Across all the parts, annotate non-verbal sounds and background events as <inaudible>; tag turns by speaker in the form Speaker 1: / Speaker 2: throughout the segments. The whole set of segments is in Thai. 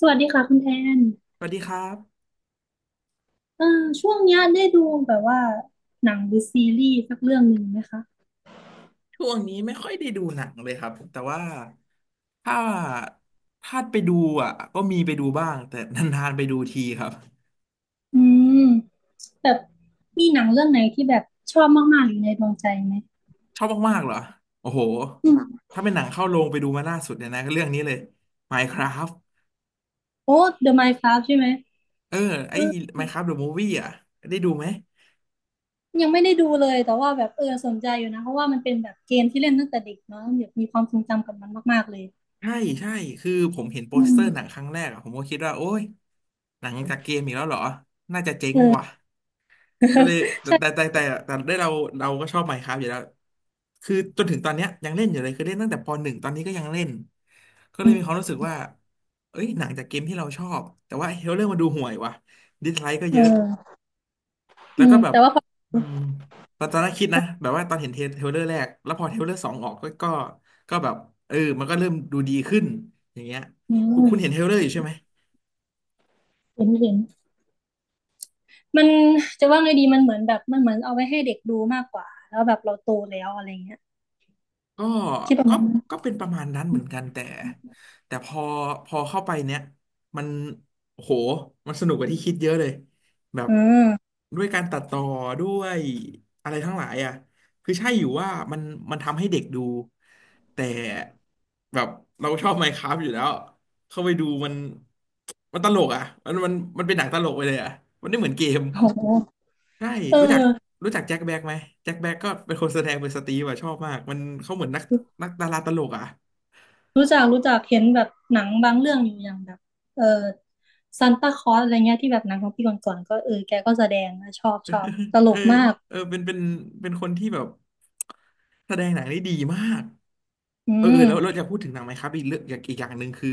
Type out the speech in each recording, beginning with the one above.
Speaker 1: สวัสดีค่ะคุณแทน
Speaker 2: สวัสดีครับ
Speaker 1: เออช่วงเนี้ยได้ดูแบบว่าหนังหรือซีรีส์สักเรื่องหนึ่งไหมคะ
Speaker 2: ช่วงนี้ไม่ค่อยได้ดูหนังเลยครับแต่ว่าถ้าถ้าไปดูอ่ะก็มีไปดูบ้างแต่นานๆไปดูทีครับ
Speaker 1: อืมแบบมีหนังเรื่องไหนที่แบบชอบมากๆอยู่ในดวงใจไหม
Speaker 2: ชอบมากๆเหรอโอ้โห
Speaker 1: อืม
Speaker 2: ถ้าเป็นหนังเข้าโรงไปดูมาล่าสุดเนี่ยนะก็เรื่องนี้เลย Minecraft
Speaker 1: โอ้ The Minecraft ใช่ไหม
Speaker 2: เออไอ้
Speaker 1: เออ
Speaker 2: Minecraft the Movie อ่ะได้ดูไหม
Speaker 1: ยังไม่ได้ดูเลยแต่ว่าแบบเออสนใจอยู่นะเพราะว่ามันเป็นแบบเกมที่เล่นตั้งแต่เด็กเนาะแบบมีความทรงจำกับมันมากๆเลย
Speaker 2: ใช่ใช่คือผมเห็นโป
Speaker 1: อื
Speaker 2: สเตอ
Speaker 1: ม
Speaker 2: ร์หนังครั้งแรกอะผมก็คิดว่าโอ้ยหนังจากเกมอีกแล้วเหรอน่าจะเจ๊ง
Speaker 1: เอ
Speaker 2: ว่ะ
Speaker 1: อ
Speaker 2: ก็เลย
Speaker 1: <laughs>
Speaker 2: แต่
Speaker 1: ใช่
Speaker 2: แต่แต่แต่แต่ได้เราก็ชอบ Minecraft อยู่แล้วคือจนถึงตอนเนี้ยยังเล่นอยู่เลยคือเล่นตั้งแต่ปหนึ่งตอนนี้ก็ยังเล่นก็เล
Speaker 1: อื
Speaker 2: ย
Speaker 1: ม
Speaker 2: มีความรู้สึกว่าเอ้ยหนังจากเกมที่เราชอบแต่ว่าเฮลเลอร์มาดูห่วยว่ะดิสไลค์ก็
Speaker 1: เอ
Speaker 2: เยอะ
Speaker 1: อ
Speaker 2: แล้
Speaker 1: อื
Speaker 2: วก็
Speaker 1: ม
Speaker 2: แบบ
Speaker 1: แต่ว่าพอ
Speaker 2: อืมตอนแรกคิดนะแบบว่าตอนเห็นเทรลเลอร์แรกแล้วพอเทรลเลอร์สองออกก็แบบเออมันก็เริ่มดูดีขึ้นอย่างเงี้ย
Speaker 1: อื
Speaker 2: คุณเห็นเทร
Speaker 1: ม
Speaker 2: ลเลอร์อยู่ใช่ไหม
Speaker 1: เห็นเห็น มันจะว่าไงดีมันเหมือนแบบมันเหมือนเอาไว้ให้เด็กดูมากกว่าแล้วแบบเราโตแล้วอะไรเงี้ย
Speaker 2: ก็
Speaker 1: คิดแบบ
Speaker 2: ก็
Speaker 1: นั้น
Speaker 2: ก็เป็นประมาณนั้นเหมือนกันแต่พอเข้าไปเนี้ยมันโอ้โหมันสนุกกว่าที่คิดเยอะเลยแบบ
Speaker 1: อืม
Speaker 2: ด้วยการตัดต่อด้วยอะไรทั้งหลายอ่ะคือใช่อยู่ว่ามันทำให้เด็กดูแต่แบบเราชอบ Minecraft อยู่แล้ว เข้าไปดูมันมันตลกอ่ะมันเป็นหนังตลกไปเลยอ่ะมันไม่เหมือนเกม
Speaker 1: โห
Speaker 2: ใช่
Speaker 1: เ
Speaker 2: รู้จัก
Speaker 1: ออ
Speaker 2: รู้จักแจ็คแบ็กไหมแจ็คแบ็กก็เป็นคนแสดงเป็นสตีฟอะชอบมากมันเขาเหมือนนักดาราตลกอ่ะ
Speaker 1: รู้จักรู้จักเห็นแบบหนังบางเรื่องอยู่อย่างแบบเออซานตาคลอสอะไรเงี้ยที่แบบหนังของพี่ก่อนๆก็เออแกก็แสดงนะชอบชอบตล
Speaker 2: เออ
Speaker 1: กมาก
Speaker 2: เออเป็นเป็นคนที่แบบแสดงหนังได้ดีมาก
Speaker 1: อื
Speaker 2: เออเออ
Speaker 1: ม
Speaker 2: แล้วเราจะพูดถึงหนังไหมครับอีกเรื่องอย่างอีกอย่างหนึ่งคือ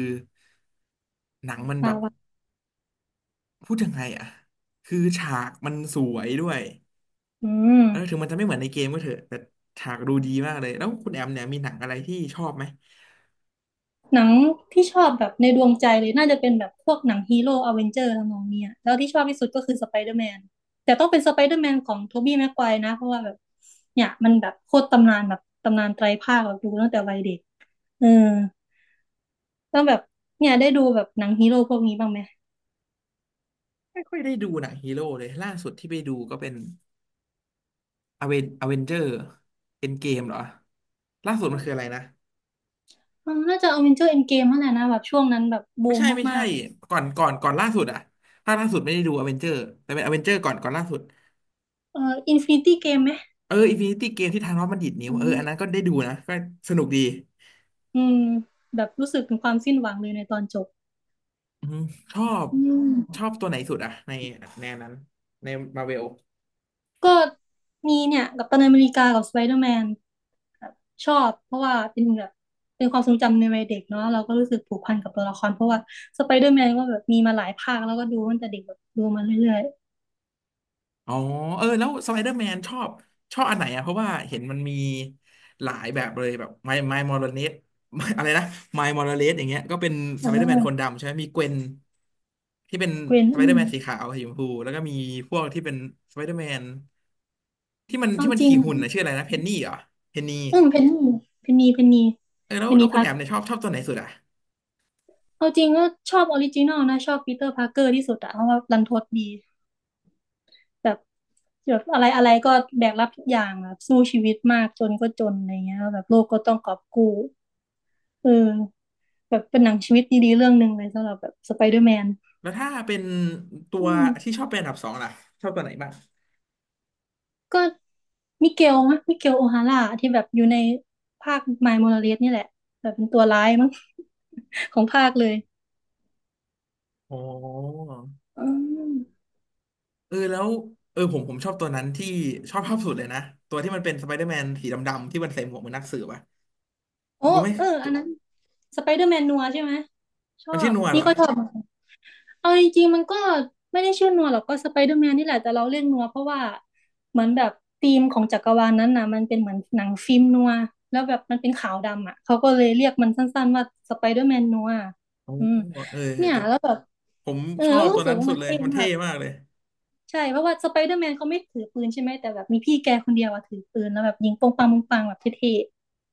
Speaker 2: หนังมันแบ
Speaker 1: ปา
Speaker 2: บ
Speaker 1: วะ
Speaker 2: พูดยังไงอ่ะคือฉากมันสวยด้วย
Speaker 1: อืม
Speaker 2: แล้วถึงมันจะไม่เหมือนในเกมก็เถอะแต่ฉากดูดีมากเลยแล้วคุณแอมเนี่ยมีหนังอะไรที่ชอบไหม
Speaker 1: หนังที่ชอบแบบในดวงใจเลยน่าจะเป็นแบบพวกหนังฮีโร่อเวนเจอร์ทำนองเนี้ยแล้วที่ชอบที่สุดก็คือสไปเดอร์แมนแต่ต้องเป็นสไปเดอร์แมนของโทบี้แม็กไกวร์นะเพราะว่าแบบเนี่ยมันแบบโคตรตำนานแบบตำนานไตรภาคแบบดูตั้งแต่วัยเด็กเออแล้วแบบเนี่ยได้ดูแบบหนังฮีโร่พวกนี้บ้างไหม
Speaker 2: ไม่ค่อยได้ดูหนังฮีโร่เลยล่าสุดที่ไปดูก็เป็นอเวนเจอร์เป็นเกมเหรอล่าสุดมันคืออะไรนะ
Speaker 1: เออน่าจะอเวนเจอร์เอ็นเกมนั่นแหละนะแบบช่วงนั้นแบบ
Speaker 2: ไม่
Speaker 1: บูม
Speaker 2: ใช่ไม่ใช่
Speaker 1: มาก
Speaker 2: ก่อนล่าสุดอะภาคล่าสุดไม่ได้ดูอเวนเจอร์แต่เป็นอเวนเจอร์ก่อนล่าสุด
Speaker 1: ๆเอออินฟินิตี้เกมไหม
Speaker 2: เอออินฟินิตี้เกมที่ธานอสมันดีดนิ้
Speaker 1: อื
Speaker 2: วเอออันนั้น
Speaker 1: ม
Speaker 2: ก็ได้ดูนะก็สนุกดี
Speaker 1: อืมแบบรู้สึกถึงความสิ้นหวังเลยในตอนจบ
Speaker 2: อืมชอบ
Speaker 1: อื
Speaker 2: ชอ
Speaker 1: ม
Speaker 2: บตัวไหนสุดอะในแนวนั้นในมาเวล
Speaker 1: ก็มีเนี่ยกัปตันอเมริกากับสไปเดอร์แมนแบบชอบเพราะว่าเป็นแบบเป็นความทรงจำในวัยเด็กเนาะเราก็รู้สึกผูกพันกับตัวละครเพราะว่าสไปเดอร์แมนก็แบบมีมาหลายภาคแล้วก็ดูตั้งแต่เด็กแบบดูมาเรื่อย
Speaker 2: อ๋อเออแล้วสไปเดอร์แมนชอบอันไหนอ่ะเพราะว่าเห็นมันมีหลายแบบเลยแบบไมลมอร์ <laughs> เลสอะไรนะไมมอร์เลสอย่างเงี้ยก็เป็น
Speaker 1: ๆ
Speaker 2: ส
Speaker 1: อ่
Speaker 2: ไปเดอร์แมนคน
Speaker 1: า
Speaker 2: ดำใช่ไหมมีเกวนที่เป็น
Speaker 1: เกรน
Speaker 2: สไป
Speaker 1: อื
Speaker 2: เดอร์
Speaker 1: ม
Speaker 2: แมนสีขาวสีชมพูแล้วก็มีพวกที่เป็นสไปเดอร์แมนที่มันที่
Speaker 1: เอา
Speaker 2: มัน
Speaker 1: จริง
Speaker 2: ขี่หุ่นนะชื่ออะไรนะเพนนี่เหรอเพนนี
Speaker 1: อืมเพนนีเพนนี
Speaker 2: เออแล้
Speaker 1: เพ
Speaker 2: ว
Speaker 1: น
Speaker 2: แล้
Speaker 1: นี
Speaker 2: วคุณ
Speaker 1: พั
Speaker 2: แอ
Speaker 1: ก
Speaker 2: มเนี่ยชอบตัวไหนสุดอ่ะ
Speaker 1: เอาจริงก็ชอบออริจินอลนะชอบปีเตอร์พาร์เกอร์ที่สุดอะเพราะว่ารันทดดีแบบแบบอะไรอะไรก็แบกรับทุกอย่างแบบสู้ชีวิตมากจนก็จนอะไรเงี้ยแบบโลกก็ต้องกอบกู้ เออแบบเป็นหนังชีวิตดีๆเรื่องหนึ่งเลยสำหรับแบบสไปเดอร์แมน
Speaker 2: แล้วถ้าเป็นตัว
Speaker 1: อืม
Speaker 2: ที่ชอบเป็นอันดับสองล่ะชอบตัวไหนบ้าง
Speaker 1: ก็มิเกลโอฮาร่าที่แบบอยู่ในภาคมายโมราเลสนี่แหละแบบเป็นตัวร้ายมั้ง <laughs> ของภาคเลย
Speaker 2: อ๋อ
Speaker 1: อืม
Speaker 2: เออแล้วเออผมชอบตัวนั้นที่ชอบภาพสุดเลยนะตัวที่มันเป็นสไปเดอร์แมนสีดำๆที่มันใส่หมวกเหมือนนักสืบอะ
Speaker 1: โอ้
Speaker 2: รู้ไหม
Speaker 1: เออ
Speaker 2: ตั
Speaker 1: อัน
Speaker 2: ว
Speaker 1: นั้นสไปเดอร์แมนนัวใช่ไหมชอ
Speaker 2: มันชื่อ
Speaker 1: บ
Speaker 2: นัวเห
Speaker 1: นี่
Speaker 2: รอ
Speaker 1: ก็ชอบ เอาจริงๆมันก็ไม่ได้ชื่อนัวหรอกก็สไปเดอร์แมนนี่แหละแต่เราเรียกนัวเพราะว่าเหมือนแบบธีมของจักรวาลนั้นน่ะมันเป็นเหมือนหนังฟิล์มนัวแล้วแบบมันเป็นขาวดำอ่ะเขาก็เลยเรียกมันสั้นๆว่าสไปเดอร์แมนนัว
Speaker 2: โอ้
Speaker 1: อืม
Speaker 2: เออ
Speaker 1: เนี่ย
Speaker 2: ตัว
Speaker 1: แล้วแบบ
Speaker 2: ผม
Speaker 1: เออ
Speaker 2: ชอบตั
Speaker 1: รู้
Speaker 2: ว
Speaker 1: สึ
Speaker 2: นั้
Speaker 1: ก
Speaker 2: น
Speaker 1: ว่า
Speaker 2: สุ
Speaker 1: มั
Speaker 2: ด
Speaker 1: น
Speaker 2: เลย
Speaker 1: เท่
Speaker 2: มัน
Speaker 1: มา
Speaker 2: เท่
Speaker 1: ก
Speaker 2: มากเลย
Speaker 1: ใช่เพราะว่าสไปเดอร์แมนเขาไม่ถือปืนใช่ไหมแต่แบบมีพี่แกคนเดียวอะถือปืนแล้วแบบยิงปงปังปงปังแบบเท่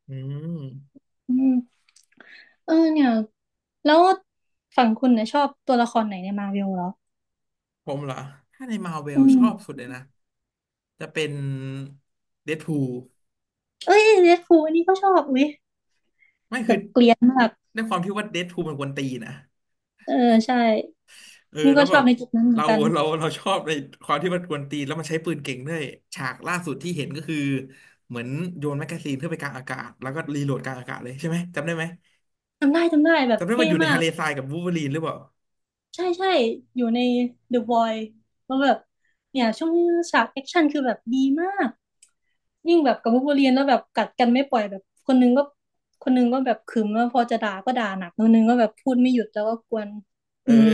Speaker 2: อืม
Speaker 1: ๆอืมเออเนี่ยแล้วฝั่งคุณเนี่ยชอบตัวละครไหนในมาร์เวลเหรอ
Speaker 2: ผมเหรอถ้าในมาเวล
Speaker 1: อื
Speaker 2: ช
Speaker 1: ม
Speaker 2: อบสุดเลยนะจะเป็นเดดพูล
Speaker 1: เอ้ยเรดฟูลอันนี้ก็ชอบอุ้ย
Speaker 2: ไม่คือด้วยความที่ว่าเดดพูลมันกวนตีนนะ
Speaker 1: เออใช่
Speaker 2: เออ
Speaker 1: นี่
Speaker 2: แล้
Speaker 1: ก็
Speaker 2: ว
Speaker 1: ช
Speaker 2: แบ
Speaker 1: อบ
Speaker 2: บ
Speaker 1: ในจุดนั้นเหมือ
Speaker 2: เรา
Speaker 1: นกัน
Speaker 2: เราชอบในความที่มันกวนตีนแล้วมันใช้ปืนเก่งด้วยฉากล่าสุดที่เห็นก็คือเหมือนโยนแมกกาซีนขึ้นไปกลางอากาศแล้วก็รีโหลดกลางอากาศเลยใช่ไหมจำได้ไหม
Speaker 1: จำได้จำได้แบบ
Speaker 2: จำได้ว่า
Speaker 1: เท่
Speaker 2: อยู่ใน
Speaker 1: มา
Speaker 2: ทะ
Speaker 1: ก
Speaker 2: เลทรายกับวูล์ฟเวอรีนหรือเปล่า
Speaker 1: ใช่ใช่อยู่ใน The Void แล้วแบบเนี่ยช่วงฉากแอคชั่นคือแบบดีมากยิ่งแบบกับวูล์ฟเวอรีนแล้วแบบกัดกันไม่ปล่อยแบบคนนึงก็แบบขึมแล้วพอจะด่าก็ด่าหนักคนนึงก็แบบพูดไม่หยุดแล้วก็กวน
Speaker 2: เออ
Speaker 1: อืม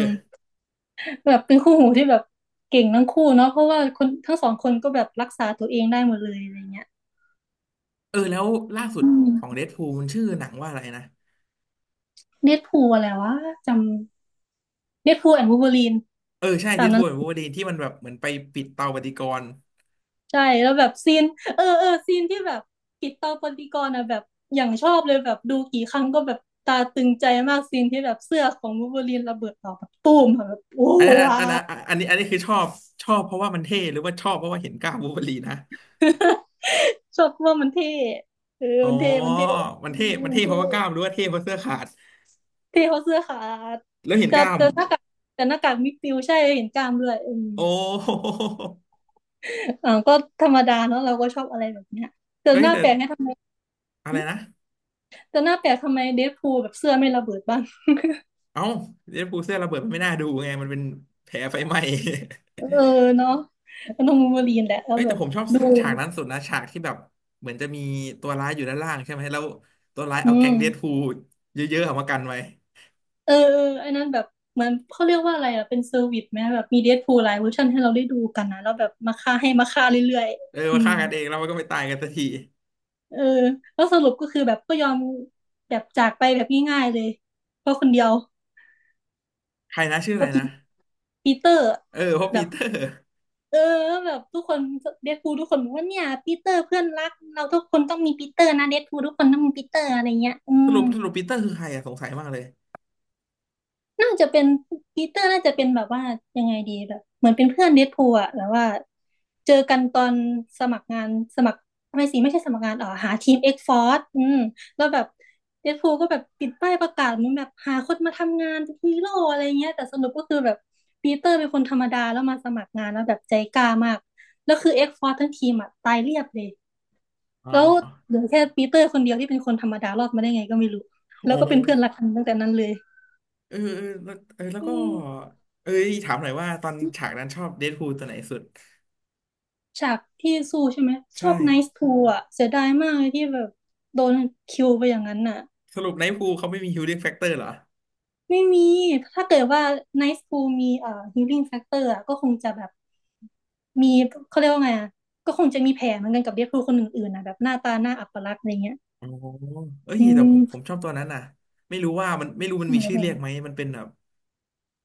Speaker 1: แบบเป็นคู่หูที่แบบเก่งทั้งคู่เนาะเพราะว่าคนทั้งสองคนก็แบบรักษาตัวเองได้หมดเลยอะไรเงี้ย
Speaker 2: เออแล้วล่าสุด
Speaker 1: อื
Speaker 2: ของ
Speaker 1: ม
Speaker 2: เดดพูลมันชื่อหนังว่าอะไรนะ
Speaker 1: เน o ตพูอะไรวะจำเน o ตพูแอนด์วูล์ฟเวอรีน
Speaker 2: เออใช่เด
Speaker 1: ตาม
Speaker 2: ด
Speaker 1: นั้
Speaker 2: พู
Speaker 1: น
Speaker 2: ลกับวูล์ฟเวอรีนที่มันแบบเหมือนไปปิดเตาปฏิกรณ์
Speaker 1: ใช่แล้วแบบซีนเออซีนที่แบบกิตตอปฏิกรณ์อะแบบอย่างชอบเลยแบบดูกี่ครั้งก็แบบตาตึงใจมากซีนที่แบบเสื้อของวูล์ฟเวอรีนระเบิดออกแบบตูมอะแบบโอ้
Speaker 2: อันนั้น
Speaker 1: ว้า
Speaker 2: อันนั้
Speaker 1: ว
Speaker 2: นอันนี้คือชอบชอบเพราะว่ามันเท่หรือว่าชอบเพราะว่าเห็นกล้ามวูล์ฟเวอรีนนะ
Speaker 1: ชอบว่ามันเท่เออ
Speaker 2: อ๋อ
Speaker 1: มันเท่ มันเท่
Speaker 2: มั
Speaker 1: เอ
Speaker 2: น
Speaker 1: อ
Speaker 2: เท่มัน
Speaker 1: มั
Speaker 2: เท่
Speaker 1: น
Speaker 2: เพ
Speaker 1: เท่
Speaker 2: ราะว่ากล้ามหรือว่าเท่เพราะเสื้อขาด
Speaker 1: เท่เขาะเสื้อขาด
Speaker 2: แล้วเห็น
Speaker 1: แต่
Speaker 2: กล้าม
Speaker 1: แต่หน้าแต่หน้ากากมิดฟิลด์ใช่เห็นกล้ามด้วยอืม
Speaker 2: โอ้ <laughs> โห
Speaker 1: อ่าก็ธรรมดาเนาะเราก็ชอบอะไรแบบเนี้ยแต่
Speaker 2: เฮ้
Speaker 1: ห
Speaker 2: ย
Speaker 1: น้า
Speaker 2: แต่
Speaker 1: แปลกให้ทำไม
Speaker 2: อะไรนะ
Speaker 1: แต่หน้าแปลกทำไมเดดพูลแบบเสื้อไม่ระเบิดบ้าง
Speaker 2: เอ้าเดดพูลเสื้อระเบิดมันไม่น่าดูไงมันเป็นแผลไฟไหม้
Speaker 1: เออเนาะมันต้องวูล์ฟเวอรีนแหละ
Speaker 2: <laughs>
Speaker 1: แล้ว
Speaker 2: เอ้ย
Speaker 1: แบ
Speaker 2: แต่
Speaker 1: บ
Speaker 2: ผมชอบ
Speaker 1: ดู
Speaker 2: ฉากนั้นสุดนะฉากที่แบบเหมือนจะมีตัวร้ายอยู่ด้านล่างใช่ไหมแล้วตัวร้าย
Speaker 1: อื
Speaker 2: เอาแก๊
Speaker 1: ม
Speaker 2: งเดดพูลเยอะๆออกมากันไว้
Speaker 1: เออเออไอ้นั้นแบบเหมอนเขาเรียกว่าอะไรอ่ะเป็นเซอร์วิสไหมแบบมีเดดพูลหลายเวอร์ชันให้เราได้ดูกันนะแล้วแบบมาฆ่าให้มาฆ่าเรื่อย
Speaker 2: เออ
Speaker 1: ๆอื
Speaker 2: มาฆ่า
Speaker 1: ม
Speaker 2: กันเองแล้วมันก็ไม่ตายกันสักที
Speaker 1: เออแล้วสรุปก็คือแบบก็ยอมแบบจากไปแบบง่ายๆเลยเพราะคนเดียว
Speaker 2: ใครนะชื่อ
Speaker 1: เพ
Speaker 2: อะไร
Speaker 1: ราะ
Speaker 2: นะ
Speaker 1: ปีเตอร์
Speaker 2: เออเพราะ
Speaker 1: แบ
Speaker 2: ปี
Speaker 1: บ
Speaker 2: เตอร์
Speaker 1: เออแบบทุกคนเดดพูลทุกคนบอกว่าเนี่ยปีเตอร์เพื่อนรักเราทุกคนต้องมีปีเตอร์นะเดดพูลทุกคนต้องมีปีเตอร์อะไรเงี้ยอื
Speaker 2: สรุ
Speaker 1: ม
Speaker 2: ปสรุปปีเตอร์คือใครอะสงสัยมากเลย
Speaker 1: น่าจะเป็นปีเตอร์น่าจะเป็นแบบว่ายังไงดีแบบเหมือนเป็นเพื่อนเดดพูลอะแบบว่าเจอกันตอนสมัครงานสมัครไม่สิไม่ใช่สมัครงานอ๋อหาทีมเอ็กฟอร์อืมแล้วแบบเดดพูลก็แบบปิดป้ายประกาศเหมันแบบหาคนมาทำงานเป็นฮีโร่อะไรเงี้ยแต่สรุปก็คือแบบปีเตอร์เป็นคนธรรมดาแล้วมาสมัครงานแล้วแบบใจกล้ามากแล้วคือเอ็กฟอร์ทั้งทีมอะตายเรียบเลย
Speaker 2: เอา
Speaker 1: แล้วเหลือแค่ปีเตอร์คนเดียวที่เป็นคนธรรมดารอดมาได้ไงก็ไม่รู้
Speaker 2: โอ
Speaker 1: แล้วก็เป็นเพื่อน
Speaker 2: ้
Speaker 1: รักกันตั้งแต่นั้นเลย
Speaker 2: เออเออแล้วเออแล้ว
Speaker 1: อื
Speaker 2: ก็
Speaker 1: ม
Speaker 2: เอ้ยถามหน่อยว่าตอนฉากนั้นชอบเดดพูลตัวไหนสุด
Speaker 1: ฉากที่สู้ใช่ไหมช
Speaker 2: ใช่
Speaker 1: อบไนซ์ทูอ่ะเสียดายมากเลยที่แบบโดนคิวไปอย่างนั้นน่ะ
Speaker 2: สรุปไนท์พูลเขาไม่มีฮิลลิ่งแฟกเตอร์เหรอ
Speaker 1: ไม่มีถ้าเกิดว่าไนซ์ทูมีฮีลิ่งแฟกเตอร์อ่ะก็คงจะแบบมีเขาเรียกว่าไงอ่ะก็คงจะมีแผลเหมือนกันกับเดดพูลคนอื่นๆนะแบบหน้าตาหน้าอัปลักษณ์อะไรเงี้ย
Speaker 2: อ๋อเอ้ย
Speaker 1: อื
Speaker 2: แต่ผม
Speaker 1: ม
Speaker 2: ชอบตัวนั้นน่ะไม่รู้ว่ามันไม่รู้มัน
Speaker 1: ไห
Speaker 2: มี
Speaker 1: น
Speaker 2: ชื่อ
Speaker 1: เล
Speaker 2: เรี
Speaker 1: ย
Speaker 2: ยกไหมมันเป็นแบบ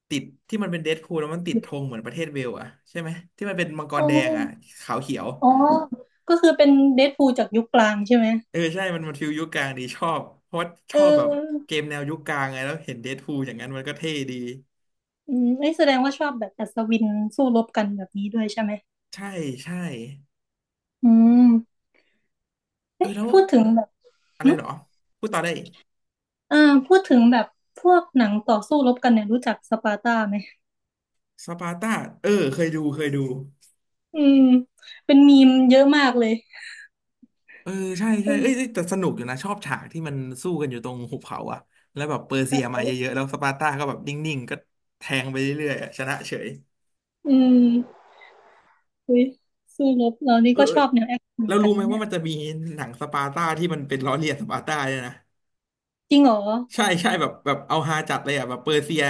Speaker 2: ติดที่มันเป็นเดดพูลแล้วมันติดธงเหมือนประเทศเวลส์อ่ะใช่ไหมที่มันเป็นมังก
Speaker 1: โอ้
Speaker 2: รแดงอ่ะขาวเขียว
Speaker 1: อ๋อก็คือเป็นเดดพูลจากยุคกลางใช่ไหม
Speaker 2: เออใช่มันฟิลยุคกลางดีชอบเพราะว่าช
Speaker 1: เ
Speaker 2: อบแบบ
Speaker 1: ออ
Speaker 2: เกมแนวยุคกลางไงแล้วเห็นเดดพูลอย่างนั้นมันก็เท่ดี
Speaker 1: อืมเอ้ยแสดงว่าชอบแบบอัศวินสู้รบกันแบบนี้ด้วยใช่ไหม
Speaker 2: ใช่ใช่
Speaker 1: อืม
Speaker 2: เอ
Speaker 1: เอ้
Speaker 2: อ
Speaker 1: ย
Speaker 2: แล้ว
Speaker 1: พูดถึงแบบ
Speaker 2: อะไร
Speaker 1: หึ
Speaker 2: เหรอพูดต่อได้
Speaker 1: อ่าพูดถึงแบบพวกหนังต่อสู้รบกันเนี่ยรู้จักสปาร์ตาไหม
Speaker 2: สปาร์ตาเออเคยดูเคยดู
Speaker 1: อืมเป็นมีมเยอะมากเลย
Speaker 2: เออใช่ใช่
Speaker 1: อืม
Speaker 2: เอ้ยเอ้ยแต่สนุกอยู่นะชอบฉากที่มันสู้กันอยู่ตรงหุบเขาอะแล้วแบบเปอร์
Speaker 1: ใช
Speaker 2: เซียมา
Speaker 1: ่
Speaker 2: เยอะๆแล้วสปาร์ตาก็แบบนิ่งๆก็แทงไปเรื่อยๆอะชนะเฉย
Speaker 1: อืมอุ้ยสู้รบเรานี่
Speaker 2: เออ
Speaker 1: ก็
Speaker 2: เอ
Speaker 1: ช
Speaker 2: อ
Speaker 1: อบแนวแอคชั่นเหมื
Speaker 2: แล้
Speaker 1: อ
Speaker 2: ว
Speaker 1: นกั
Speaker 2: รู้
Speaker 1: น
Speaker 2: ไหม
Speaker 1: นะ
Speaker 2: ว่า
Speaker 1: เนี่ย
Speaker 2: มันจะมีหนังสปาร์ตาที่มันเป็นล้อเลียนสปาร์ตาเนี่ยนะ
Speaker 1: จริงเหรอ
Speaker 2: ใช่ใช่แบบเอาฮาจัดเลยอะแบบเปอร์เซีย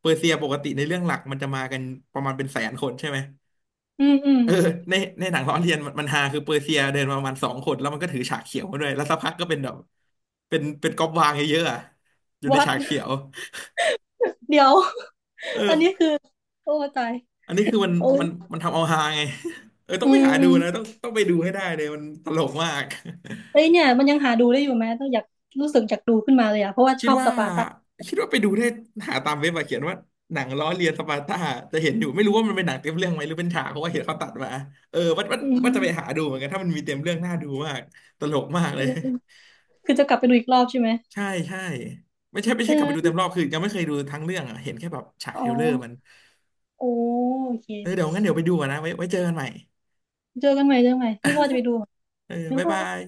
Speaker 2: เปอร์เซียปกติในเรื่องหลักมันจะมากันประมาณเป็นแสนคนใช่ไหม
Speaker 1: อืมอืม
Speaker 2: เออในในหนังล้อเลียนมันฮาคือเปอร์เซียเดินมาประมาณสองคนแล้วมันก็ถือฉากเขียวมาด้วยแล้วสักพักก็เป็นแบบเป็นก๊อบวางเยอะๆอะอยู่ใน
Speaker 1: วัด
Speaker 2: ฉากเขียว
Speaker 1: เดี๋ยว <laughs> อันนี้
Speaker 2: เออ
Speaker 1: คือโอ้ตาย
Speaker 2: อันนี้คือมัน
Speaker 1: โอ้ย
Speaker 2: มันมันทำเอาฮาไง <laughs> เออต้อ
Speaker 1: อื
Speaker 2: งไป
Speaker 1: ม
Speaker 2: หา
Speaker 1: อื
Speaker 2: ดู
Speaker 1: ม
Speaker 2: นะต้องไปดูให้ได้เลยมันตลกมาก
Speaker 1: เอ้
Speaker 2: <laughs>
Speaker 1: ยเนี่ยมันยังหาดูได้อยู่ไหมต้องอยากรู้สึกอยากดูขึ้นมาเลยอะเพราะว่า
Speaker 2: คิ
Speaker 1: ช
Speaker 2: ด
Speaker 1: อบ
Speaker 2: ว่า
Speaker 1: สปาร์ตา
Speaker 2: คิดว่าไปดูได้หาตามเว็บมาเขียนว่าหนังล้อเลียนสปาร์ตาจะเห็นอยู่ไม่รู้ว่ามันเป็นหนังเต็มเรื่องไหมหรือเป็นฉากเพราะว่าเห็นเขาตัดมาเออว่า
Speaker 1: อื
Speaker 2: ว่าจะไปหา
Speaker 1: ม
Speaker 2: ดูเหมือนกันถ้ามันมีเต็มเรื่องน่าดูมากตลกมากเล
Speaker 1: อื
Speaker 2: ย
Speaker 1: มอืม
Speaker 2: <laughs>
Speaker 1: คือจะกลับไปดูอีกรอบใช่ไหม
Speaker 2: ใช่ใช่ไม่ใช่กลับไปดูเต็ม
Speaker 1: เออ
Speaker 2: รอบคือยังไม่เคยดูทั้งเรื่องอะเห็นแค่แบบฉาก
Speaker 1: อ๋
Speaker 2: เท
Speaker 1: อ
Speaker 2: รลเลอร์มัน
Speaker 1: โอโอเค
Speaker 2: เออเดี๋ยวงั้นเดี๋ยวไปดูก่อนนะไว้เจอกันใหม่
Speaker 1: เจอกันใหม่เจอกันใหม่นี่ก็ว่าจะไปดู
Speaker 2: เออ
Speaker 1: บ๊าย
Speaker 2: บ๊าย
Speaker 1: บา
Speaker 2: บา
Speaker 1: ย
Speaker 2: ย